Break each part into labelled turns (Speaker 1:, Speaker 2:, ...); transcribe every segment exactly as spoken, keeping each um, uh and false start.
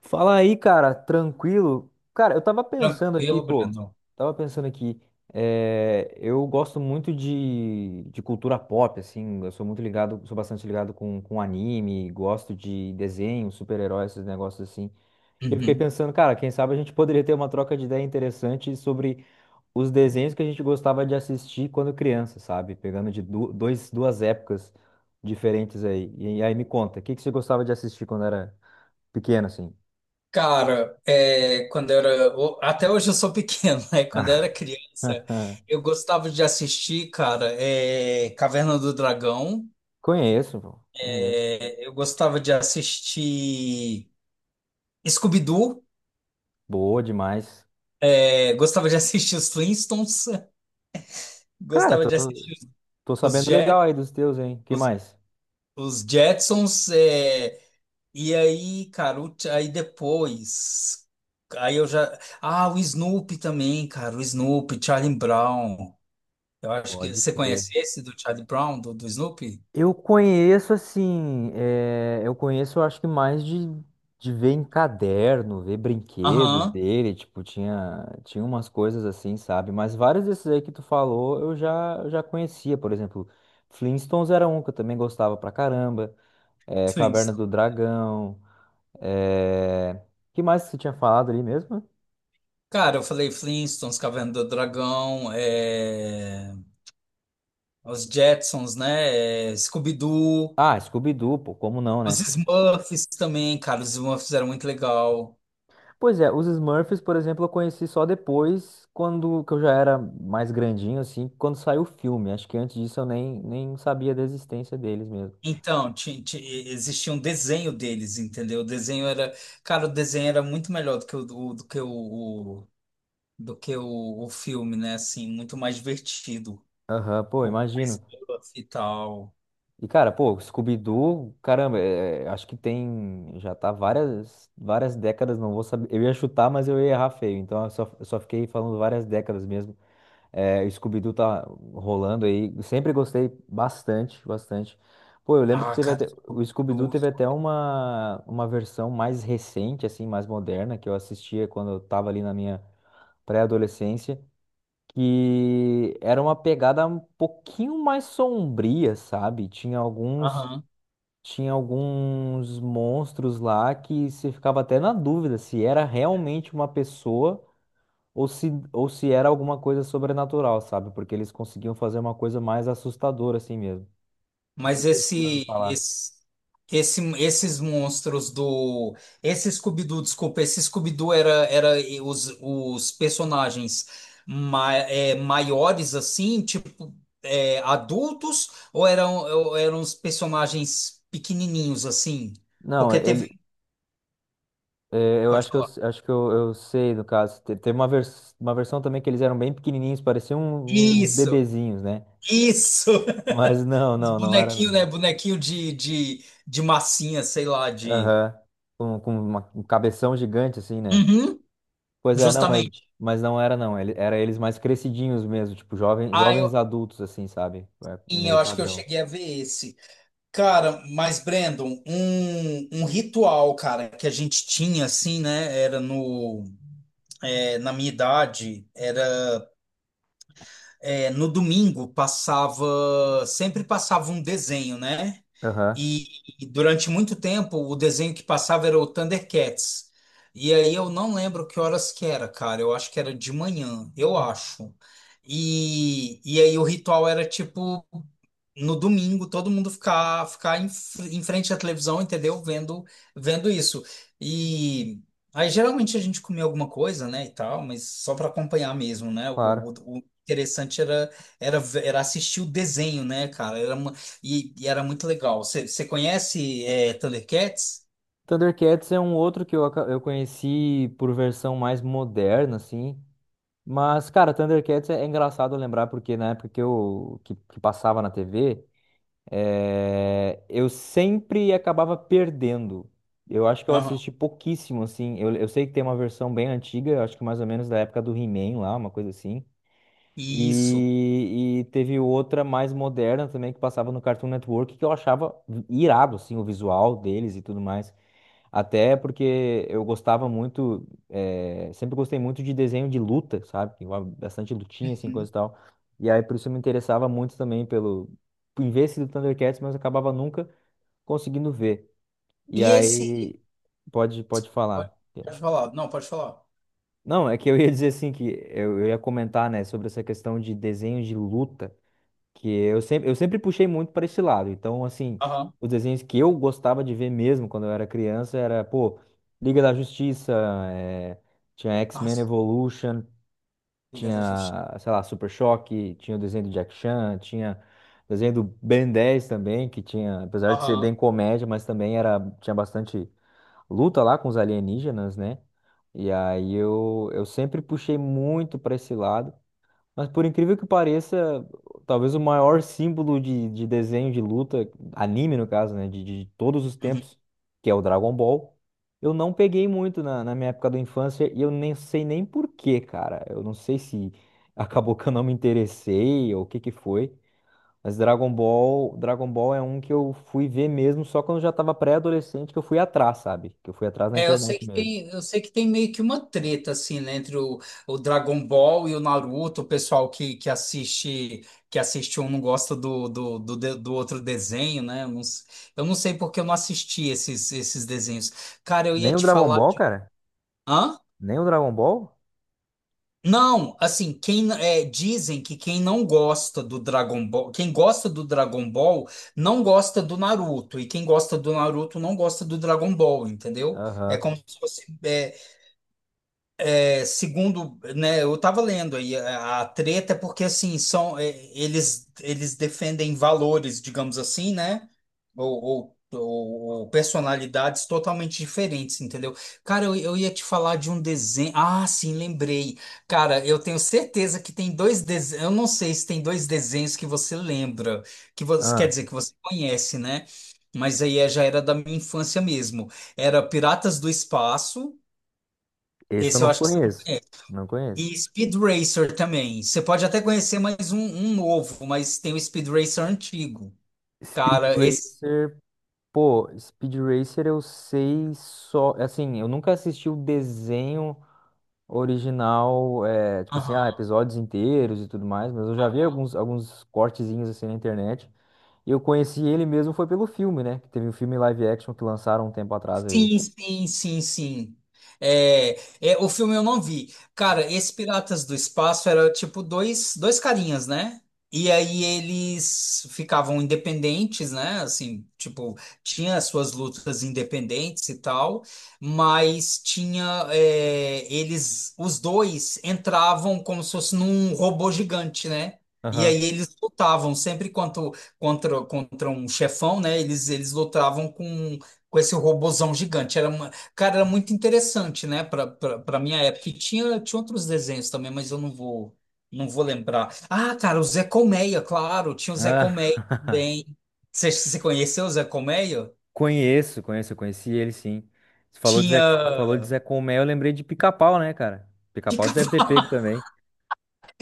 Speaker 1: Fala aí, cara, tranquilo? Cara, eu tava pensando aqui,
Speaker 2: Tranquilo,
Speaker 1: pô,
Speaker 2: Brandon.
Speaker 1: tava pensando aqui, é, eu gosto muito de, de cultura pop, assim, eu sou muito ligado, sou bastante ligado com, com anime, gosto de desenho, super-herói, esses negócios assim. E eu fiquei
Speaker 2: Uhum.
Speaker 1: pensando, cara, quem sabe a gente poderia ter uma troca de ideia interessante sobre os desenhos que a gente gostava de assistir quando criança, sabe? Pegando de du- dois, duas épocas diferentes aí. E aí me conta, o que que você gostava de assistir quando era pequeno, assim?
Speaker 2: Cara, é, quando eu era. o- Até hoje eu sou pequeno, né? Quando eu era criança, eu gostava de assistir, cara, é, Caverna do Dragão.
Speaker 1: Conheço, pô. Conheço.
Speaker 2: Eu gostava de assistir Scooby-Doo.
Speaker 1: Boa demais.
Speaker 2: É, gostava de assistir os Flintstones.
Speaker 1: Cara,
Speaker 2: Gostava
Speaker 1: tô,
Speaker 2: de assistir
Speaker 1: tô
Speaker 2: os, os,
Speaker 1: sabendo
Speaker 2: Jet,
Speaker 1: legal aí dos teus, hein? Que
Speaker 2: os,
Speaker 1: mais?
Speaker 2: os Jetsons. É, e aí, cara, o- aí depois. Aí eu já. Ah, o Snoopy também, cara. O Snoopy, Charlie Brown. Eu acho que
Speaker 1: Pode
Speaker 2: você
Speaker 1: crer.
Speaker 2: conhece esse do Charlie Brown, do, do Snoopy?
Speaker 1: Eu conheço assim, é, eu conheço acho que mais de, de ver em caderno, ver brinquedo
Speaker 2: Aham,
Speaker 1: dele, tipo, tinha, tinha umas coisas assim, sabe? Mas vários desses aí que tu falou eu já, eu já conhecia, por exemplo, Flintstones era um que eu também gostava pra caramba, é, Caverna
Speaker 2: Flintstones.
Speaker 1: do Dragão, é... que mais que você tinha falado ali mesmo?
Speaker 2: Cara, eu falei Flintstones, Caverna do Dragão, é, os Jetsons, né? é, Scooby-Doo,
Speaker 1: Ah, Scooby-Doo, pô, como não, né?
Speaker 2: os Smurfs também, cara, os Smurfs eram muito legal.
Speaker 1: Pois é, os Smurfs, por exemplo, eu conheci só depois, quando que eu já era mais grandinho, assim, quando saiu o filme. Acho que antes disso eu nem, nem sabia da existência deles mesmo.
Speaker 2: Então, ti- ti- existia um desenho deles, entendeu? O desenho era, cara, o desenho era muito melhor do que o do, do que o, o- do que o, o filme, né? Assim, muito mais divertido.
Speaker 1: Aham, pô,
Speaker 2: O mais
Speaker 1: imagino.
Speaker 2: Smurf e tal.
Speaker 1: E, cara, pô, Scooby-Doo, caramba, é, é, acho que tem, já tá várias, várias décadas, não vou saber. Eu ia chutar, mas eu ia errar feio, então eu só, eu só fiquei falando várias décadas mesmo. É, o Scooby-Doo tá rolando aí. Sempre gostei bastante, bastante. Pô, eu lembro que
Speaker 2: Ah,
Speaker 1: teve
Speaker 2: cara,
Speaker 1: até, o Scooby-Doo teve
Speaker 2: monstro.
Speaker 1: até uma, uma versão mais recente, assim, mais moderna, que eu assistia quando eu tava ali na minha pré-adolescência, que era uma pegada um pouquinho mais sombria, sabe? Tinha alguns,
Speaker 2: Aham.
Speaker 1: tinha alguns monstros lá que você ficava até na dúvida se era realmente uma pessoa ou se, ou se era alguma coisa sobrenatural, sabe? Porque eles conseguiam fazer uma coisa mais assustadora assim mesmo.
Speaker 2: Mas
Speaker 1: Não sei se você já ouviu
Speaker 2: esse,
Speaker 1: falar.
Speaker 2: esse, esse, esses monstros do. Esse Scooby-Doo, desculpa, esse Scooby-Doo era, era os, os personagens ma é, maiores, assim, tipo, é, adultos, ou eram, ou eram os personagens pequenininhos, assim?
Speaker 1: Não,
Speaker 2: Porque teve.
Speaker 1: ele, é, eu
Speaker 2: Pode
Speaker 1: acho que eu,
Speaker 2: falar.
Speaker 1: acho que eu, eu sei, no caso. Te- Tem uma, vers, uma versão também que eles eram bem pequenininhos, pareciam um- um, uns
Speaker 2: Isso,
Speaker 1: bebezinhos, né?
Speaker 2: isso!
Speaker 1: Mas não,
Speaker 2: Os
Speaker 1: não, não era
Speaker 2: bonequinhos, né?
Speaker 1: não.
Speaker 2: Bonequinho de, de, de massinha, sei lá, de.
Speaker 1: Aham. Com, com uma- um cabeção gigante assim, né?
Speaker 2: Uhum,
Speaker 1: Pois é, não, mas,
Speaker 2: justamente.
Speaker 1: mas não era não. Ele, era eles mais crescidinhos mesmo, tipo jovem,
Speaker 2: Ah, eu,
Speaker 1: jovens adultos assim, sabe? É
Speaker 2: e
Speaker 1: meio
Speaker 2: eu acho que eu
Speaker 1: padrão.
Speaker 2: cheguei a ver esse. Cara, mas Brandon, um, um ritual, cara, que a gente tinha, assim, né? Era no. É, na minha idade, era. É, no domingo passava. Sempre passava um desenho, né?
Speaker 1: Aham,
Speaker 2: E, e durante muito tempo o desenho que passava era o Thundercats. E aí eu não lembro que horas que era, cara. Eu acho que era de manhã, eu acho. E, e aí o ritual era tipo. No domingo todo mundo ficar ficar em, fr- em frente à televisão, entendeu? Vendo vendo isso. E aí geralmente a gente comia alguma coisa, né, e tal, mas só para acompanhar mesmo, né? O,
Speaker 1: claro.
Speaker 2: o- o interessante era, era ve- era assistir o desenho, né, cara? Era uma, e, e era muito legal. Você você conhece é, Thundercats?
Speaker 1: Thundercats é um outro que eu, aca- eu conheci por versão mais moderna, assim. Mas, cara, Thundercats é, é engraçado lembrar, porque na época que eu que, que passava na T V, eh, eu sempre acabava perdendo. Eu acho que eu
Speaker 2: Aham.
Speaker 1: assisti pouquíssimo, assim. Eu, eu sei que tem uma versão bem antiga, eu acho que mais ou menos da época do He-Man lá, uma coisa assim.
Speaker 2: Isso.
Speaker 1: E, e teve outra mais moderna também que passava no Cartoon Network, que eu achava irado, assim, o visual deles e tudo mais. Até porque eu gostava muito, eh, sempre gostei muito de desenho de luta, sabe? Que envolve bastante lutinha, assim,
Speaker 2: Uhum.
Speaker 1: coisa e tal. E aí, por isso, eu me interessava muito também pelo... em ver esse do Thundercats, mas eu acabava nunca conseguindo ver. E
Speaker 2: E esse
Speaker 1: aí, pode, pode
Speaker 2: pode,
Speaker 1: falar.
Speaker 2: pode falar. Não, pode falar.
Speaker 1: Não, é que eu ia dizer assim, que eu, eu ia comentar, né, sobre essa questão de desenho de luta que eu sempre, eu sempre puxei muito para esse lado. Então, assim,
Speaker 2: Aham.
Speaker 1: os desenhos que eu gostava de ver mesmo quando eu era criança era, pô, Liga da Justiça, eh, tinha
Speaker 2: Ah,
Speaker 1: X-Men Evolution,
Speaker 2: Liga da Justiça.
Speaker 1: tinha, sei lá, Super Choque, tinha o desenho do Jack Chan, tinha o desenho do Ben dez também, que tinha, apesar de ser
Speaker 2: Aham.
Speaker 1: bem comédia, mas também era, tinha bastante luta lá com os alienígenas, né? E aí eu, eu sempre puxei muito para esse lado. Mas por incrível que pareça, talvez o maior símbolo de, de desenho de luta, anime no caso, né, de, de todos os tempos, que é o Dragon Ball, eu não peguei muito na, na minha época da infância e eu nem sei nem por quê, cara. Eu não sei se acabou que eu não me interessei ou o que que foi, mas Dragon Ball, Dragon Ball é um que eu fui ver mesmo só quando eu já tava pré-adolescente que eu fui atrás, sabe? Que eu fui atrás na
Speaker 2: É, eu sei
Speaker 1: internet
Speaker 2: que
Speaker 1: mesmo.
Speaker 2: tem, eu sei que tem meio que uma treta assim, né, entre o, o Dragon Ball e o Naruto, o pessoal que, que assiste que assiste um não gosta do, do, do, de- do outro desenho, né? Eu não, s- eu não sei porque eu não assisti esses, esses desenhos. Cara, eu ia
Speaker 1: Nem o
Speaker 2: te
Speaker 1: Dragon
Speaker 2: falar.
Speaker 1: Ball, cara?
Speaker 2: Hã?
Speaker 1: Nem o Dragon Ball?
Speaker 2: Não, assim, quem é, dizem que quem não gosta do Dragon Ball, quem gosta do Dragon Ball não gosta do Naruto, e quem gosta do Naruto não gosta do Dragon Ball, entendeu? É
Speaker 1: Aham.
Speaker 2: como se fosse. é, É, segundo, né, eu estava lendo aí a, a treta é porque assim são é, eles eles defendem valores, digamos assim, né? Ou, ou, ou- ou personalidades totalmente diferentes, entendeu? Cara, eu, eu ia te falar de um desenho. Ah, sim, lembrei. Cara, eu tenho certeza que tem dois desenhos. Eu não sei se tem dois desenhos que você lembra, que você quer
Speaker 1: Ah.
Speaker 2: dizer que você conhece, né? Mas aí é- já era da minha infância mesmo. Era Piratas do Espaço.
Speaker 1: Esse eu
Speaker 2: Esse eu
Speaker 1: não
Speaker 2: acho que você não
Speaker 1: conheço. Não conheço.
Speaker 2: e Speed Racer também. Você pode até conhecer mais um, um novo, mas tem o Speed Racer antigo.
Speaker 1: Speed
Speaker 2: Cara, esse.
Speaker 1: Racer, pô, Speed Racer eu sei só. Assim, eu nunca assisti o desenho original, é, tipo assim,
Speaker 2: Aham.
Speaker 1: ah, episódios inteiros e tudo mais, mas eu já vi alguns, alguns cortezinhos assim na internet. E eu conheci ele mesmo foi pelo filme, né? Que teve um filme live action que lançaram um tempo atrás aí.
Speaker 2: Sim, sim, sim, sim. É, é, o filme eu não vi. Cara, esse Piratas do Espaço era tipo dois, dois carinhas, né? E aí eles ficavam independentes, né? Assim, tipo, tinha as suas lutas independentes e tal, mas tinha, é, eles, os dois entravam como se fosse num robô gigante, né? E
Speaker 1: Aham.
Speaker 2: aí eles lutavam sempre contra, contra, contra um chefão, né? Eles, eles lutavam com com esse robozão gigante. Era uma, cara, era muito interessante, né? Para para minha época. E tinha, tinha outros desenhos também, mas eu não vou não vou lembrar. Ah, cara, o Zé Colmeia, claro, tinha o Zé Colmeia
Speaker 1: Ah,
Speaker 2: também. Você você conheceu o Zé Colmeia?
Speaker 1: conheço, conheço, eu conheci ele sim. Você falou de Zé,
Speaker 2: Tinha
Speaker 1: falou de Zé Colmeia, eu lembrei de Pica-Pau, né, cara? Pica-Pau você deve ter
Speaker 2: Pica-pau.
Speaker 1: pego também.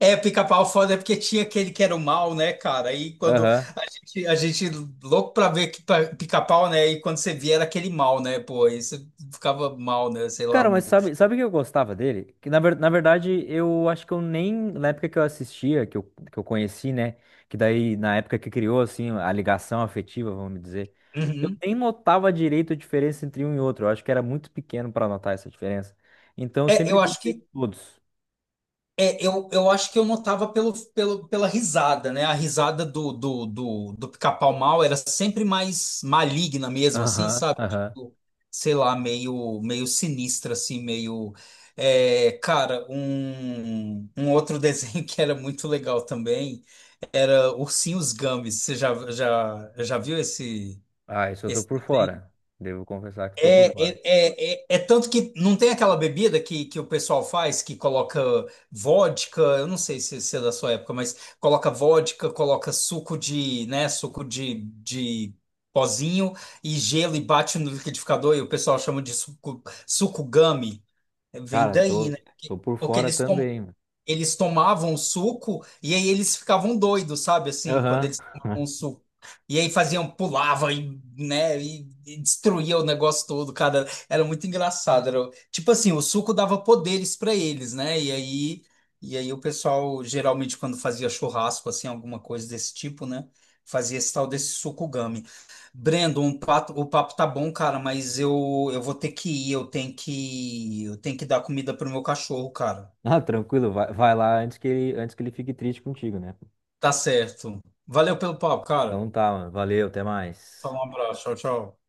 Speaker 2: É, pica-pau foda é porque tinha aquele que era o mal, né, cara? Aí quando
Speaker 1: Aham.
Speaker 2: a gente, a gente louco pra ver que pa- pica-pau, né? E quando você via era aquele mal, né? Pô, aí você ficava mal, né? Sei lá,
Speaker 1: Cara, mas
Speaker 2: no.
Speaker 1: sabe, sabe o que eu gostava dele? Que na, ver- na verdade, eu acho que eu nem, na época que eu assistia, que eu, que eu conheci, né? Que daí, na época que criou, assim, a ligação afetiva, vamos dizer, eu
Speaker 2: Uhum.
Speaker 1: nem notava direito a diferença entre um e outro. Eu acho que era muito pequeno pra notar essa diferença. Então, eu
Speaker 2: É,
Speaker 1: sempre
Speaker 2: eu acho
Speaker 1: gostei de
Speaker 2: que
Speaker 1: todos.
Speaker 2: É, eu, eu acho que eu notava pelo, pelo, pela risada, né? A risada do, do, do, do Pica-Pau Mal era sempre mais maligna mesmo, assim,
Speaker 1: Aham,
Speaker 2: sabe?
Speaker 1: aham.
Speaker 2: Tipo, sei lá, meio, meio sinistra, assim, meio. É, cara, um, um outro desenho que era muito legal também era Ursinhos Gumby. Você já, já, já viu esse?
Speaker 1: Ah, isso eu tô por fora. Devo confessar que tô
Speaker 2: É,
Speaker 1: por fora.
Speaker 2: é, é, é, é tanto que não tem aquela bebida que, que o pessoal faz que coloca vodka, eu não sei se, se é da sua época, mas coloca vodka, coloca suco de, né, suco de, de pozinho e gelo e bate no liquidificador e o pessoal chama de suco, suco gummy. Vem
Speaker 1: Cara,
Speaker 2: daí,
Speaker 1: tô,
Speaker 2: né?
Speaker 1: tô por
Speaker 2: Porque
Speaker 1: fora
Speaker 2: eles, tom-
Speaker 1: também, mano.
Speaker 2: eles tomavam o suco e aí eles ficavam doidos, sabe? Assim, quando
Speaker 1: Aham.
Speaker 2: eles tomavam o suco. E aí faziam, pulava e, né, e, e destruía o negócio todo, cara. Era muito engraçado. Era, tipo assim, o suco dava poderes para eles, né? E aí, e aí o pessoal, geralmente, quando fazia churrasco, assim, alguma coisa desse tipo, né? Fazia esse tal desse suco gummy. Brendo, um pato- o papo tá bom, cara, mas eu, eu vou ter que ir, eu tenho que, eu tenho que dar comida pro meu cachorro, cara.
Speaker 1: Ah, tranquilo, vai, vai lá antes que ele, antes que ele fique triste contigo, né?
Speaker 2: Tá certo. Valeu pelo papo, cara.
Speaker 1: Então tá, mano. Valeu, até mais.
Speaker 2: Fala um abraço. Tchau, tchau.